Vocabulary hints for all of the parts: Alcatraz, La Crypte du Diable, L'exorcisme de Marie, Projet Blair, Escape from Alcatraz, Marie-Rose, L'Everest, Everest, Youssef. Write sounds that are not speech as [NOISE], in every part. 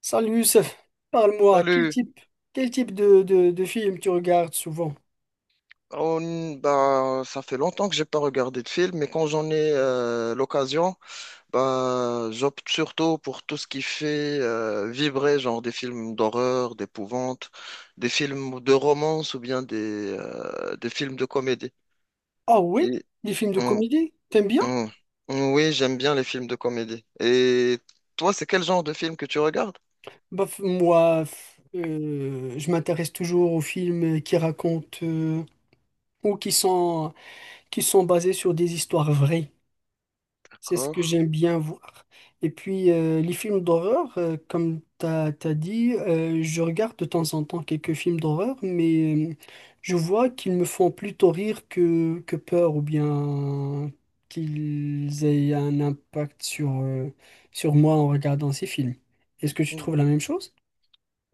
Salut Youssef, parle-moi, Salut. Quel type de films tu regardes souvent? Ça fait longtemps que j'ai pas regardé de film, mais quand j'en ai l'occasion, bah, j'opte surtout pour tout ce qui fait vibrer, genre des films d'horreur, d'épouvante, des films de romance ou bien des films de comédie. Ah oui, Et, des films de hum, comédie, t'aimes bien? hum, oui, j'aime bien les films de comédie. Et toi, c'est quel genre de film que tu regardes? Je m'intéresse toujours aux films qui racontent, ou qui sont basés sur des histoires vraies. C'est ce D'accord. que j'aime bien voir. Et puis, les films d'horreur, comme tu as dit, je regarde de temps en temps quelques films d'horreur, mais je vois qu'ils me font plutôt rire que peur, ou bien qu'ils aient un impact sur, sur moi en regardant ces films. Est-ce que tu trouves la même chose?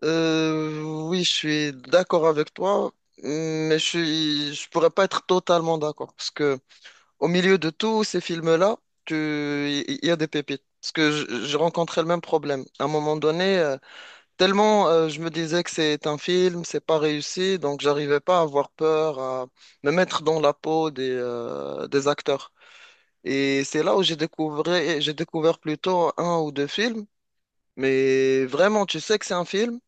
Euh, oui, je suis d'accord avec toi, mais je pourrais pas être totalement d'accord parce que au milieu de tous ces films-là, il y a des pépites. Parce que j'ai rencontré le même problème. À un moment donné, tellement je me disais que c'est un film, c'est pas réussi, donc j'arrivais pas à avoir peur, à me mettre dans la peau des acteurs. Et c'est là où j'ai découvert plutôt un ou deux films, mais vraiment, tu sais que c'est un film.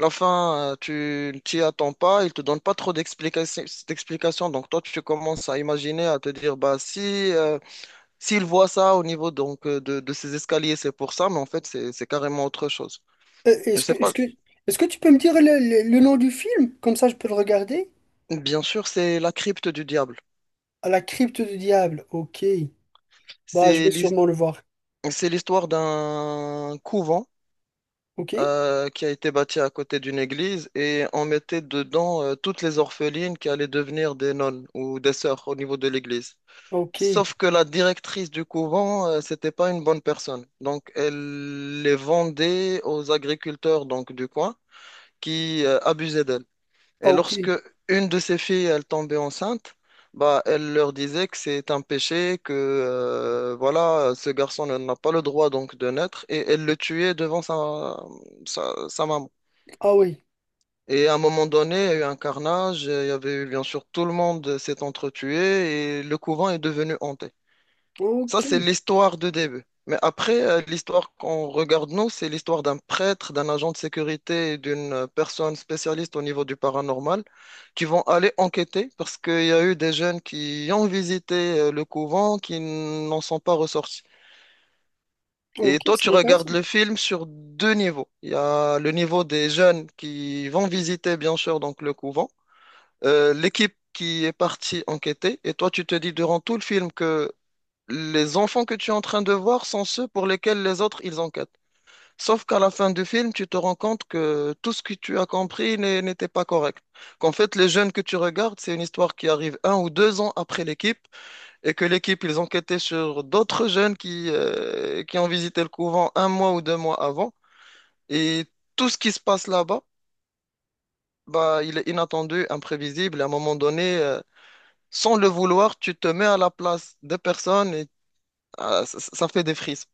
La fin, tu ne t'y attends pas, il te donne pas trop d'explications. Donc toi, tu commences à imaginer, à te dire, bah si, euh, s'il voit ça au niveau donc de ces escaliers, c'est pour ça, mais en fait, c'est carrément autre chose. Euh, Je Est-ce que, sais est-ce pas. que, Est-ce que tu peux me dire le, le nom du film? Comme ça, je peux le regarder. Bien sûr, c'est La Crypte du Diable. À la crypte du diable. Ok. Bah, je C'est vais l'his- sûrement le voir. c'est l'histoire d'un couvent Ok. Qui a été bâti à côté d'une église et on mettait dedans toutes les orphelines qui allaient devenir des nonnes ou des sœurs au niveau de l'église. Ok. Sauf que la directrice du couvent, c'était pas une bonne personne. Donc, elle les vendait aux agriculteurs donc du coin qui abusaient d'elle. Ah, Et ok. lorsque une de ses filles, elle tombait enceinte, bah, elle leur disait que c'est un péché, que voilà, ce garçon n'a pas le droit donc de naître, et elle le tuait devant sa maman. Ah oui. Et à un moment donné, il y a eu un carnage, il y avait eu bien sûr, tout le monde s'est entretué et le couvent est devenu hanté. Ça, Ok. c'est l'histoire de début. Mais après, l'histoire qu'on regarde, nous, c'est l'histoire d'un prêtre, d'un agent de sécurité et d'une personne spécialiste au niveau du paranormal qui vont aller enquêter parce qu'il y a eu des jeunes qui ont visité le couvent qui n'en sont pas ressortis. Et Ok, toi, tu c'est intéressant. regardes le film sur deux niveaux. Il y a le niveau des jeunes qui vont visiter, bien sûr, donc le couvent, l'équipe qui est partie enquêter, et toi, tu te dis durant tout le film que les enfants que tu es en train de voir sont ceux pour lesquels les autres, ils enquêtent. Sauf qu'à la fin du film, tu te rends compte que tout ce que tu as compris n'était pas correct. Qu'en fait, les jeunes que tu regardes, c'est une histoire qui arrive un ou deux ans après l'équipe, et que l'équipe, ils enquêtaient sur d'autres jeunes qui ont visité le couvent un mois ou deux mois avant. Et tout ce qui se passe là-bas, bah, il est inattendu, imprévisible, et à un moment donné, sans le vouloir, tu te mets à la place des personnes et ah, ça ça fait des frissons.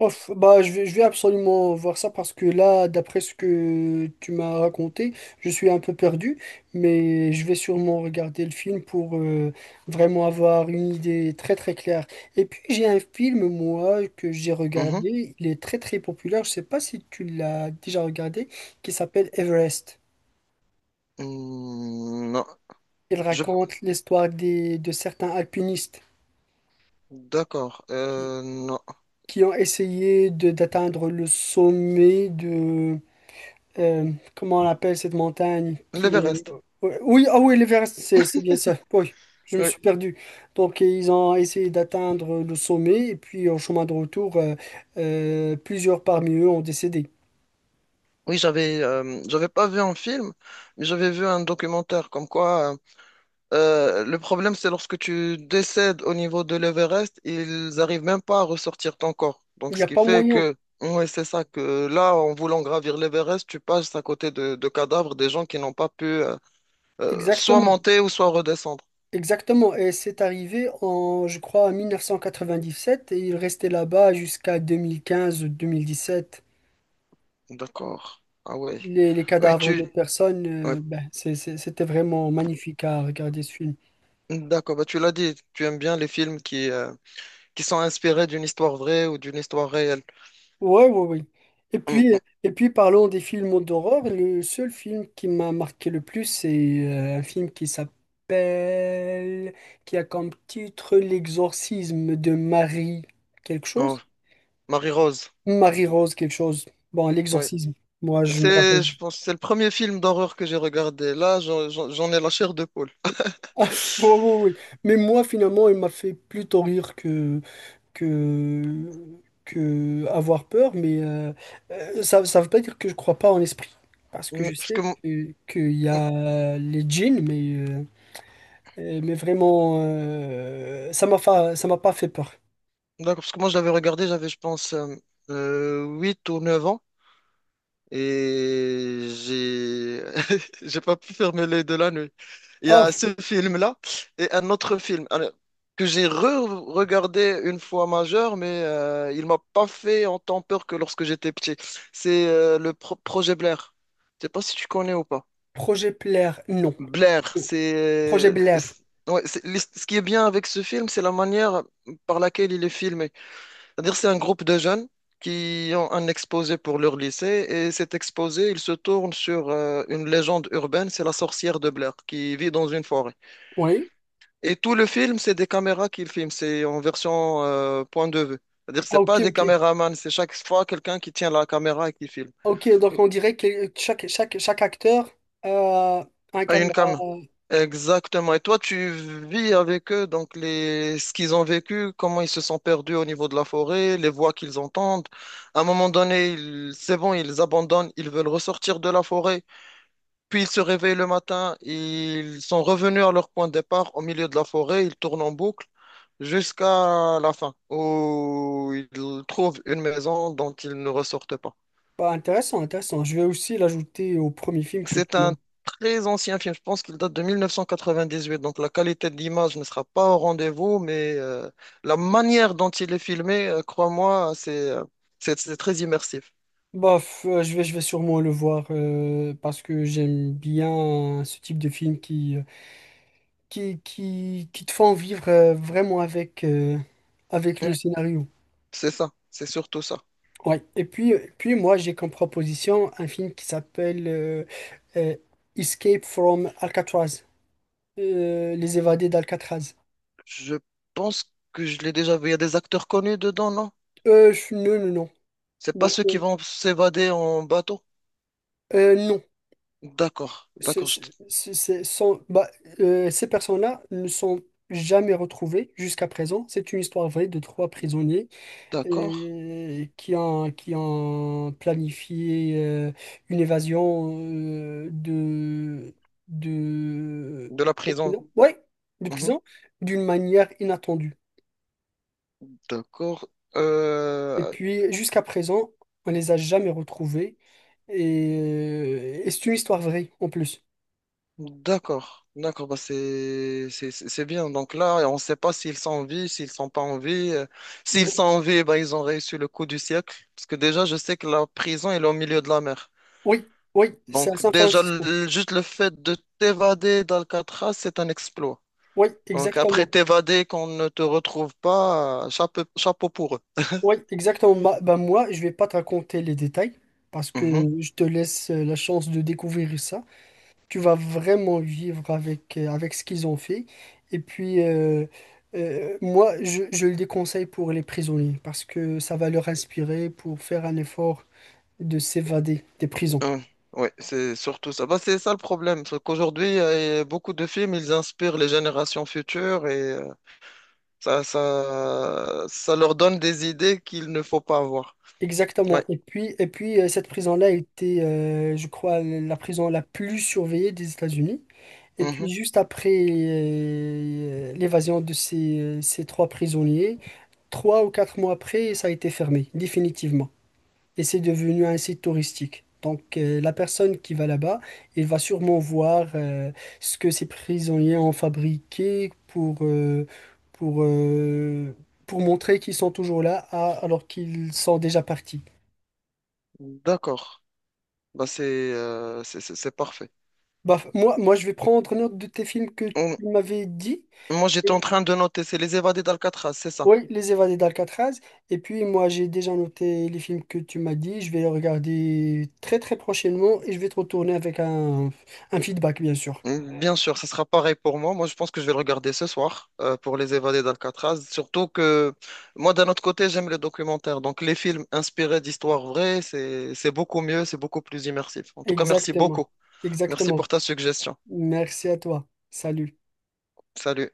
Ouf, bah, je vais absolument voir ça parce que là, d'après ce que tu m'as raconté, je suis un peu perdu, mais je vais sûrement regarder le film pour vraiment avoir une idée très très claire. Et puis j'ai un film, moi, que j'ai Mhm. regardé, il est très très populaire, je sais pas si tu l'as déjà regardé, qui s'appelle Everest. Mm, non, Il je... raconte l'histoire de certains alpinistes D'accord. qui, Non. qui ont essayé d'atteindre le sommet, comment on appelle cette montagne qui est... L'Everest. ouais, Oui, ah oui, l'Everest, c'est bien ça. Oui, je me Oui, suis perdu. Donc, ils ont essayé d'atteindre le sommet et puis en chemin de retour, plusieurs parmi eux ont décédé. oui, j'avais pas vu un film, mais j'avais vu un documentaire comme quoi euh, le problème, c'est lorsque tu décèdes au niveau de l'Everest, ils arrivent même pas à ressortir ton corps. Donc, Il n'y ce a qui pas fait moyen. que, ouais, c'est ça, que là, en voulant gravir l'Everest, tu passes à côté de cadavres des gens qui n'ont pas pu soit Exactement. monter ou soit redescendre. Exactement. Et c'est arrivé en, je crois, en 1997, et ils restaient là-bas jusqu'à 2015-2017. D'accord. Ah ouais. Les Ouais, cadavres tu... des personnes, ouais. C'était vraiment magnifique à regarder ce film. D'accord, bah, tu l'as dit, tu aimes bien les films qui sont inspirés d'une histoire vraie ou d'une histoire réelle. Ouais, ouais, oui. Hum, Et puis parlons des films d'horreur. Le seul film qui m'a marqué le plus, c'est un film qui s'appelle, qui a comme titre L'exorcisme de Marie quelque Oh, chose. Marie-Rose. Marie-Rose quelque chose. Bon, Oui. l'exorcisme. Moi, je me rappelle. C'est, je pense, c'est le premier film d'horreur que j'ai regardé. Là, j'en ai la chair de poule. Ah, [LAUGHS] oui, oui, oui. Mais moi, finalement, il m'a fait plutôt rire que, que avoir peur, mais ça ne veut pas dire que je crois pas en l'esprit. Parce que Oui. je sais que, qu'il y a les djinns, mais vraiment, ça m'a pas fait peur. D'accord, parce que moi, je l'avais regardé, j'avais, je pense, 8 ou 9 ans. Et j'ai [LAUGHS] j'ai pas pu fermer les de la nuit. Il y Ah, a ce film-là et un autre film alors, que j'ai re-regardé une fois majeur, mais il m'a pas fait autant peur que lorsque j'étais petit. C'est le Projet Blair. Je sais pas si tu connais ou pas. projet Blair, non. Blair, Non. Projet Blair, ouais, ce qui est bien avec ce film, c'est la manière par laquelle il est filmé. C'est-à-dire, c'est un groupe de jeunes qui ont un exposé pour leur lycée et cet exposé, il se tourne sur une légende urbaine, c'est la sorcière de Blair qui vit dans une forêt. oui. Et tout le film, c'est des caméras qu'il filme, c'est en version point de vue. C'est-à-dire, Ah, c'est ok, pas des ok. caméramans, c'est chaque fois quelqu'un qui tient la caméra et qui filme. Ah, ok, donc on dirait que chaque acteur a un À une caméra. cam. Exactement. Et toi, tu vis avec eux, donc les... ce qu'ils ont vécu, comment ils se sont perdus au niveau de la forêt, les voix qu'ils entendent. À un moment donné, c'est bon, ils abandonnent, ils veulent ressortir de la forêt. Puis ils se réveillent le matin, ils sont revenus à leur point de départ au milieu de la forêt, ils tournent en boucle jusqu'à la fin, où ils trouvent une maison dont ils ne ressortent pas. Bah, intéressant, intéressant. Je vais aussi l'ajouter au premier film que C'est tu m'as... un très ancien film, je pense qu'il date de 1998, donc la qualité de l'image ne sera pas au rendez-vous, mais la manière dont il est filmé, crois-moi, c'est c'est très immersif. Bof, je vais sûrement le voir parce que j'aime bien ce type de film qui, qui te font vivre, vraiment avec, avec le Mm. scénario. C'est ça, c'est surtout ça. Ouais. Et puis moi, j'ai comme proposition un film qui s'appelle euh, Escape from Alcatraz, euh, Les évadés d'Alcatraz. Je pense que je l'ai déjà vu. Il y a des acteurs connus dedans, non? Non, non, non. C'est pas Non, ceux qui vont s'évader en bateau. Non. D'accord, ce- d'accord, ce- Ce sont, ces personnes-là ne sont jamais retrouvées jusqu'à présent. C'est une histoire vraie de trois prisonniers d'accord. Qui ont planifié, une évasion, de, De la de prison. prison, ouais, de Mhm. prison, d'une manière inattendue. D'accord. Et Euh, puis, jusqu'à présent, on les a jamais retrouvés. Et c'est une histoire vraie en plus. d'accord, d'accord, bah c'est bien. Donc là, on ne sait pas s'ils sont en vie, s'ils sont pas en vie. S'ils Bon. sont en vie, bah, ils ont réussi le coup du siècle. Parce que déjà, je sais que la prison, elle est au milieu de la mer. Oui, oui, c'est à Donc San déjà, Francisco. Juste le fait de t'évader d'Alcatraz, c'est un exploit. Oui, Donc après exactement. t'évader, qu'on ne te retrouve pas, chapeau, chapeau pour eux. Oui, exactement. Bah, moi, je vais pas te raconter les détails parce que Mhm. je te laisse, la chance de découvrir ça. Tu vas vraiment vivre avec, avec ce qu'ils ont fait. Et puis, moi, je le déconseille pour les prisonniers parce que ça va leur inspirer pour faire un effort de s'évader des prisons. Hum. Ouais, c'est surtout ça. Bah, c'est ça le problème, c'est qu'aujourd'hui, beaucoup de films, ils inspirent les générations futures. Ça leur donne des idées qu'il ne faut pas avoir. Exactement. Ouais. Et puis cette prison-là était, je crois, la prison la plus surveillée des États-Unis. Et puis Mhm. juste après l'évasion de ces, ces trois prisonniers, trois ou quatre mois après, ça a été fermé, définitivement. Et c'est devenu un site touristique. Donc la personne qui va là-bas, elle va sûrement voir ce que ces prisonniers ont fabriqué pour, pour, euh, pour montrer qu'ils sont toujours là à... alors qu'ils sont déjà partis. D'accord. Bah, c'est c'est parfait. Bah, moi, je vais prendre note de tes films que Hum, tu m'avais dit. Moi, j'étais en train de noter, c'est Les Évadés d'Alcatraz, c'est ça. Oui, Les Évadés d'Alcatraz. Et puis moi, j'ai déjà noté les films que tu m'as dit. Je vais les regarder très très prochainement et je vais te retourner avec un feedback, bien sûr. Bien sûr, ça sera pareil pour moi. Moi, je pense que je vais le regarder ce soir pour Les Évadés d'Alcatraz. Surtout que moi, d'un autre côté, j'aime les documentaires. Donc, les films inspirés d'histoires vraies, c'est beaucoup mieux, c'est beaucoup plus immersif. En tout cas, merci Exactement. beaucoup. Merci pour Exactement. ta suggestion. Merci à toi. Salut. Salut.